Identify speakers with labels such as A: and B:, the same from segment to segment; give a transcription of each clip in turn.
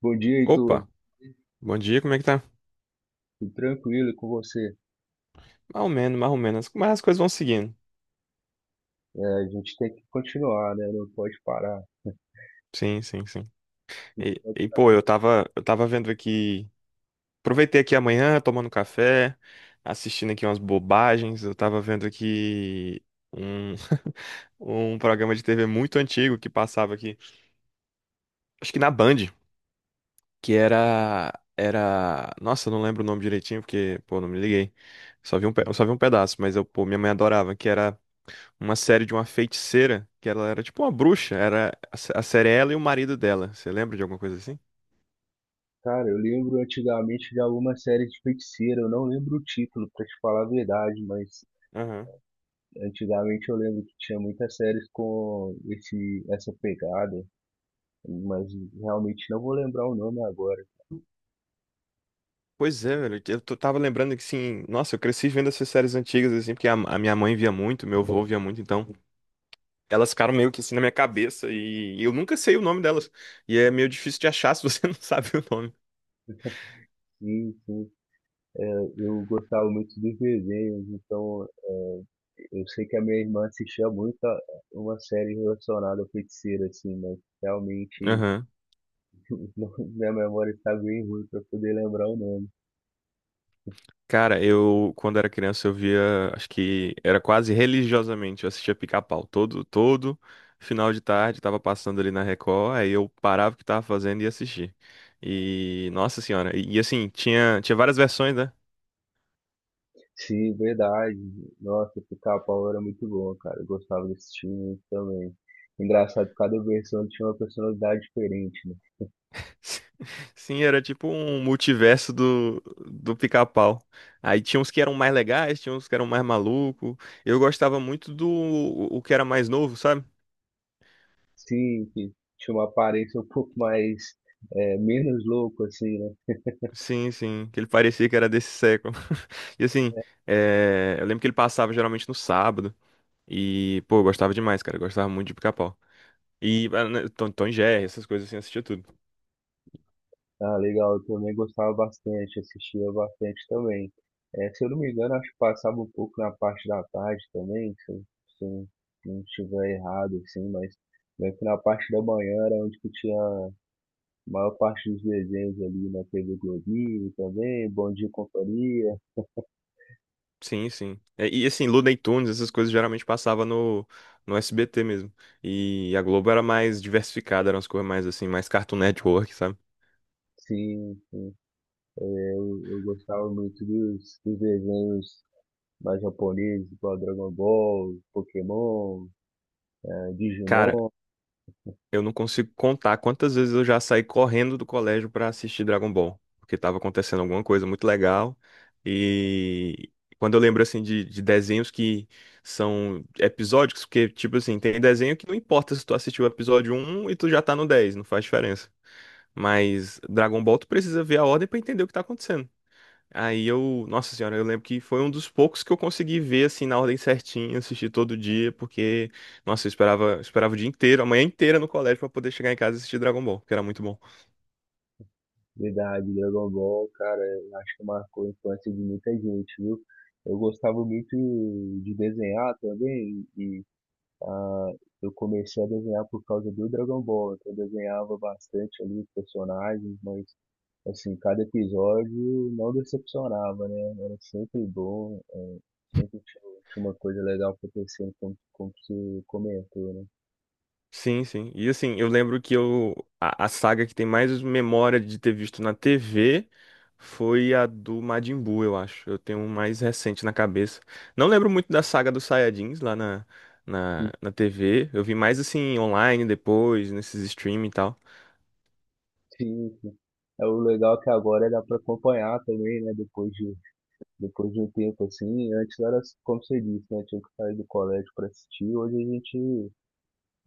A: Bom dia, Heitor.
B: Opa, bom dia, como é que tá?
A: Tudo tranquilo e com você?
B: Mais ou menos, mais ou menos. Mas as coisas vão seguindo.
A: É, a gente tem que continuar, né? Não pode parar.
B: Sim, sim, sim. Pô, eu tava vendo aqui. Aproveitei aqui amanhã, tomando café, assistindo aqui umas bobagens. Eu tava vendo aqui um, um programa de TV muito antigo que passava aqui. Acho que na Band, que era. Era. Nossa, eu não lembro o nome direitinho, porque, pô, não me liguei. Só vi um, pe- eu só vi um pedaço, mas eu, pô, minha mãe adorava, que era. Uma série de uma feiticeira, que ela era tipo uma bruxa, era a série é ela e o marido dela. Você lembra de alguma coisa assim?
A: Cara, eu lembro antigamente de alguma série de feiticeira. Eu não lembro o título, pra te falar a verdade, mas
B: Aham.
A: antigamente eu lembro que tinha muitas séries com essa pegada, mas realmente não vou lembrar o nome agora.
B: Pois é, velho, tava lembrando que assim, nossa, eu cresci vendo essas séries antigas assim, porque a minha mãe via muito, meu avô via muito, então elas ficaram meio que assim na minha cabeça e eu nunca sei o nome delas. E é meio difícil de achar se você não sabe o nome.
A: Sim, sim. É, eu gostava muito dos desenhos, então eu sei que a minha irmã assistia muito uma série relacionada a feiticeira assim, mas realmente
B: Aham.
A: minha memória está bem ruim para poder lembrar o nome.
B: Cara, quando era criança, eu via, acho que era quase religiosamente, eu assistia Pica-Pau todo final de tarde, tava passando ali na Record, aí eu parava o que tava fazendo e assistia. E, nossa senhora, e assim, tinha várias versões, né?
A: Sim, verdade. Nossa, o Pica-Pau era muito bom, cara. Eu gostava desse time muito também. Engraçado, cada versão tinha uma personalidade diferente, né?
B: Sim, era tipo um multiverso do Pica-Pau. Aí tinha uns que eram mais legais, tinha uns que eram mais malucos. Eu gostava muito do o que era mais novo, sabe?
A: Sim, que tinha uma aparência um pouco mais, menos louco, assim, né?
B: Sim, sim, que ele parecia que era desse século. E assim, eu lembro que ele passava geralmente no sábado. E, pô, eu gostava demais, cara. Eu gostava muito de Pica-Pau. E ah, né, Tom e Jerry, essas coisas assim, eu assistia tudo.
A: Ah, legal, eu também gostava bastante, assistia bastante também. Se eu não me engano, acho que passava um pouco na parte da tarde também, se eu não estiver errado, assim, mas meio que na parte da manhã era onde que tinha a maior parte dos desenhos ali na TV Globinho também, Bom Dia e Companhia.
B: Sim, sim. Assim, Looney Tunes, essas coisas geralmente passava no SBT mesmo. E a Globo era mais diversificada, eram as coisas mais assim, mais Cartoon Network, sabe?
A: Sim, é, eu gostava muito dos desenhos mais japoneses, igual Dragon Ball, Pokémon,
B: Cara,
A: Digimon.
B: eu não consigo contar quantas vezes eu já saí correndo do colégio pra assistir Dragon Ball, porque tava acontecendo alguma coisa muito legal. E quando eu lembro assim de desenhos que são episódicos, porque tipo assim, tem desenho que não importa se tu assistiu o episódio um e tu já tá no 10, não faz diferença. Mas Dragon Ball tu precisa ver a ordem pra entender o que tá acontecendo. Aí eu, nossa senhora, eu lembro que foi um dos poucos que eu consegui ver assim na ordem certinha, assistir todo dia, porque nossa, eu esperava o dia inteiro, a manhã inteira no colégio pra poder chegar em casa e assistir Dragon Ball, que era muito bom.
A: Verdade, Dragon Ball, cara, eu acho que marcou a infância de muita gente, viu? Eu gostava muito de desenhar também, e ah, eu comecei a desenhar por causa do Dragon Ball, então eu desenhava bastante ali os personagens, mas assim, cada episódio não decepcionava, né? Era sempre bom, sempre tinha, tinha uma coisa legal acontecendo, como você comentou, né?
B: Sim, sim. E assim, eu lembro que a saga que tem mais memória de ter visto na TV foi a do Majin Buu, eu acho. Eu tenho um mais recente na cabeça. Não lembro muito da saga dos Saiyajins lá na,
A: E,
B: na, na TV. Eu vi mais assim online depois, nesses streaming e tal.
A: sim, sim. É, o legal é que agora dá para acompanhar também, né? Depois de um tempo, assim, antes era, como você disse, né? Tinha que sair do colégio para assistir. Hoje a gente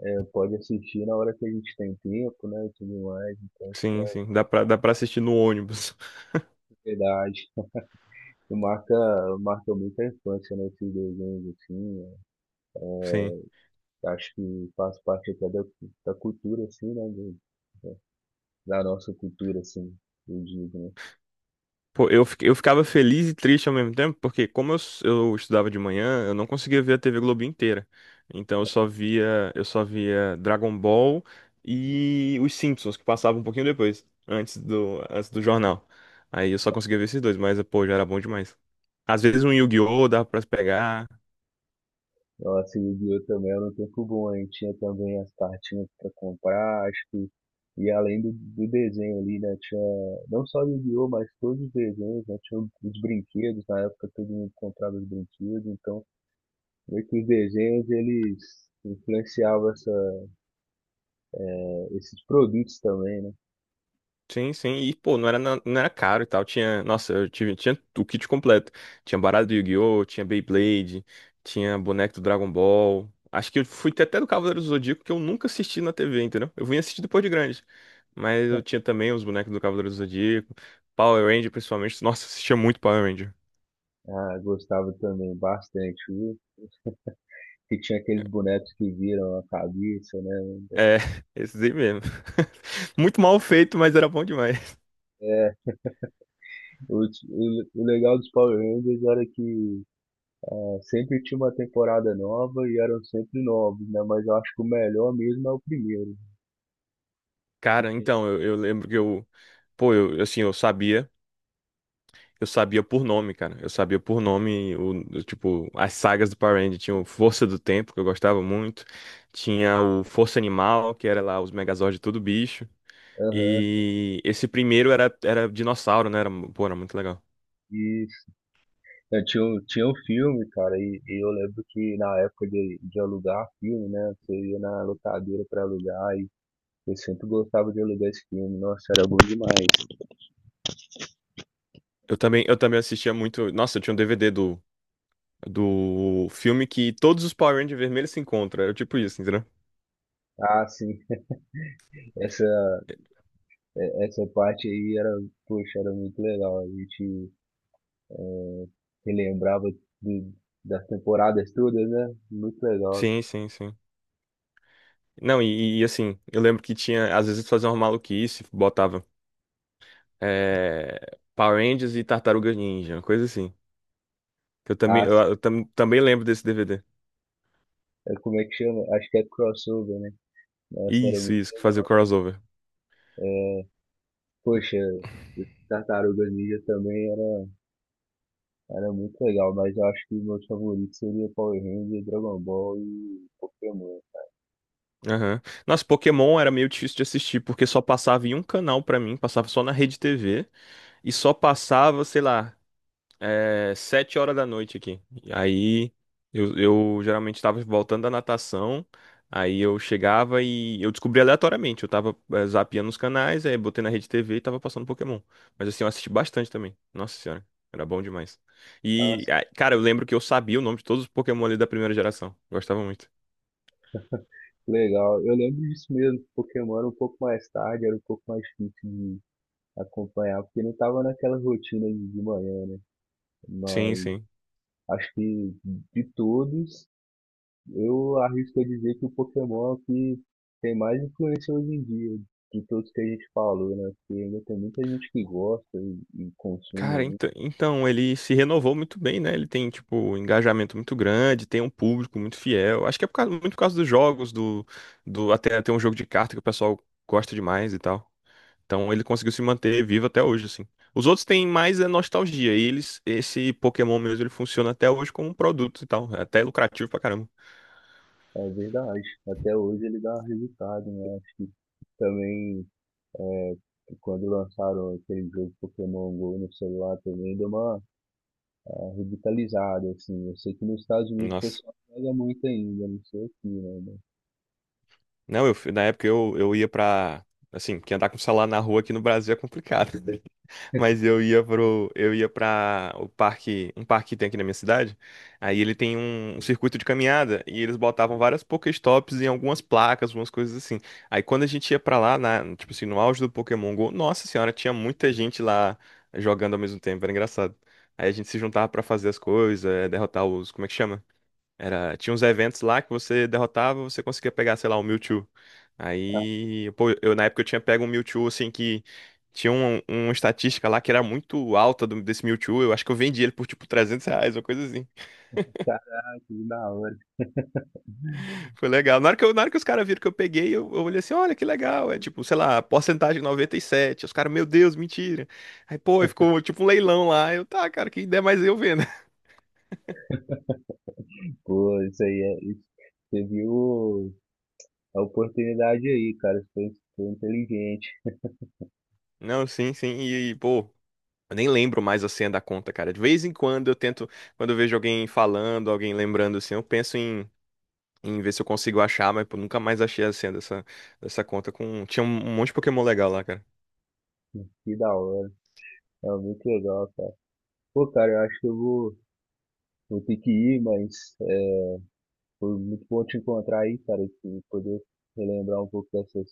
A: pode assistir na hora que a gente tem tempo, né? E tudo mais, né,
B: Sim,
A: é
B: sim. Dá pra assistir no ônibus.
A: verdade. E Marca, marca muito a infância, né? Esses desenhos, assim.
B: Sim.
A: É. Acho que faz parte até da cultura, assim, né? Da nossa cultura, assim, eu digo, né?
B: Pô, eu ficava feliz e triste ao mesmo tempo, porque como eu estudava de manhã, eu não conseguia ver a TV Globo inteira. Então eu só via Dragon Ball e os Simpsons, que passavam um pouquinho depois, antes do jornal. Aí eu só conseguia ver esses dois, mas, pô, já era bom demais. Às vezes um Yu-Gi-Oh! Dava pra se pegar.
A: Nossa, Yu-Gi-Oh! Também era um tempo bom, hein? Tinha também as cartinhas pra comprar, e além do desenho ali, né? Tinha não só Yu-Gi-Oh! Mas todos os desenhos, né? Tinha os brinquedos, na época todo mundo comprava os brinquedos, então meio que os desenhos eles influenciavam esses produtos também, né?
B: Sim, sim. E, pô, não era caro e tal. Tinha, nossa, eu tive, tinha o kit completo. Tinha baralho do Yu-Gi-Oh!, tinha Beyblade, tinha boneco do Dragon Ball. Acho que eu fui ter até do Cavaleiro do Zodíaco, que eu nunca assisti na TV, entendeu? Eu vim assistir depois de grande. Mas eu tinha também os bonecos do Cavaleiro do Zodíaco, Power Ranger, principalmente. Nossa, eu assistia muito Power Ranger.
A: Ah, gostava também bastante, viu? Que tinha aqueles bonecos que viram a cabeça, né?
B: É, esses aí mesmo. Muito mal feito, mas era bom demais.
A: É, o legal dos Power Rangers era que é, sempre tinha uma temporada nova e eram sempre novos, né? Mas eu acho que o melhor mesmo é o primeiro, né? Que
B: Cara,
A: tinha.
B: então, eu lembro que eu. Pô, eu, assim, eu sabia. Eu sabia por nome, cara. Eu sabia por nome, tipo, as sagas do Power Rangers. Tinha o Força do Tempo, que eu gostava muito. Tinha o Força Animal, que era lá os Megazords de todo bicho.
A: Aham,
B: E esse primeiro era, era dinossauro, né? Era, pô, era muito legal.
A: isso. Eu tinha, tinha um filme, cara, e eu lembro que na época de alugar filme, né? Você ia na locadora pra alugar e eu sempre gostava de alugar esse filme. Nossa, era bom demais.
B: Eu também assistia muito. Nossa, eu tinha um DVD do filme que todos os Power Rangers vermelhos se encontram. Era tipo isso, entendeu?
A: Ah, sim, essa, essa parte aí era, poxa, era muito legal. A gente eh, relembrava de- das temporadas todas, né? Muito legal.
B: Sim, sim, sim. Não, e, assim, eu lembro que tinha, às vezes fazia uma maluquice, botava Power Rangers e Tartarugas Ninja, uma coisa assim. Que eu também,
A: Ah,
B: eu também lembro desse DVD.
A: é, como é que chama? Acho que é crossover, né? Nossa, era
B: Isso,
A: muito
B: isso, que fazia o
A: legal.
B: crossover.
A: É, poxa, os Tartarugas Ninja também era, era muito legal, mas eu acho que meus favoritos seriam Power Rangers, Dragon Ball e Pokémon.
B: Aham. Nossa, Pokémon era meio difícil de assistir, porque só passava em um canal pra mim, passava só na Rede TV, e só passava, sei lá, é 7 horas da noite aqui. E aí eu geralmente estava voltando da natação. Aí eu chegava e eu descobri aleatoriamente. Eu tava zapeando os canais, aí botei na rede TV e tava passando Pokémon. Mas assim, eu assisti bastante também. Nossa senhora, era bom demais. E,
A: Nossa,
B: ah, cara, eu lembro que eu sabia o nome de todos os Pokémon ali da primeira geração. Gostava muito.
A: que legal. Eu lembro disso mesmo, que Pokémon era um pouco mais tarde, era um pouco mais difícil de acompanhar, porque não tava naquela rotina de manhã, né?
B: Sim,
A: Mas
B: sim.
A: acho que de todos, eu arrisco a dizer que o Pokémon é o que tem mais influência hoje em dia, de todos que a gente falou, né? Porque ainda tem muita gente que gosta e consome
B: Cara,
A: aí.
B: então, ele se renovou muito bem, né? Ele tem, tipo, um engajamento muito grande, tem um público muito fiel. Acho que é muito por causa dos jogos, do até ter um jogo de carta que o pessoal gosta demais e tal. Então ele conseguiu se manter vivo até hoje, assim. Os outros têm mais é nostalgia. E eles, esse Pokémon mesmo, ele funciona até hoje como um produto e tal. É até lucrativo pra caramba.
A: É verdade. Até hoje ele dá resultado, né? Acho que também é, quando lançaram aquele jogo Pokémon Go no celular também deu uma revitalizada, assim. Eu sei que nos Estados Unidos o
B: Nossa.
A: pessoal joga muito ainda, não sei aqui, né? Mas,
B: Não, na época eu ia pra. Assim, que andar com celular na rua aqui no Brasil é complicado. Mas eu ia para o parque, um parque que tem aqui na minha cidade. Aí ele tem um circuito de caminhada e eles botavam várias Pokéstops em algumas placas, algumas coisas assim. Aí quando a gente ia pra lá, tipo assim, no auge do Pokémon Go, nossa senhora, tinha muita gente lá jogando ao mesmo tempo, era engraçado. Aí a gente se juntava pra fazer as coisas, derrotar os, como é que chama? Era, tinha uns eventos lá que você derrotava, você conseguia pegar, sei lá, um Mewtwo.
A: ah,
B: Aí, pô, eu na época eu tinha pego um Mewtwo, assim, que tinha uma estatística lá que era muito alta desse Mewtwo. Eu acho que eu vendi ele por, tipo, R$ 300, uma coisa assim.
A: caraca, que da hora.
B: Foi legal. Na hora que os caras viram que eu peguei, eu olhei assim, olha que legal. É, tipo, sei lá, porcentagem 97. Os caras, meu Deus, mentira. Aí, pô, aí ficou, tipo, um leilão lá. Eu, tá, cara, quem der mais eu vendo.
A: Pô, isso aí é. Isso. Você viu a oportunidade aí, cara. Você foi, foi inteligente.
B: Não, sim, sim. E, pô, eu nem lembro mais a senha da conta, cara. De vez em quando eu tento, quando eu vejo alguém falando, alguém lembrando assim, eu penso em, em ver se eu consigo achar, mas pô, nunca mais achei a senha dessa conta com. Tinha um monte de Pokémon legal lá, cara.
A: Que da hora. É muito legal, cara. Pô, cara, eu acho que eu vou, vou ter que ir, mas é, foi muito bom te encontrar aí, cara, e poder relembrar um pouco dessas,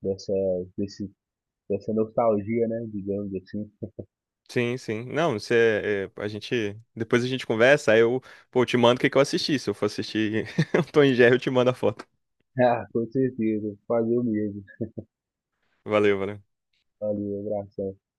A: dessa, desse, dessa nostalgia, né? Digamos assim.
B: Sim, sim. Não, você, a gente, depois a gente conversa, aí eu, pô, eu te mando o que que eu assisti. Se eu for assistir o Tom e Jerry, eu te mando a foto.
A: Ah, com certeza. Fazer o mesmo.
B: Valeu, valeu.
A: Valeu, abração.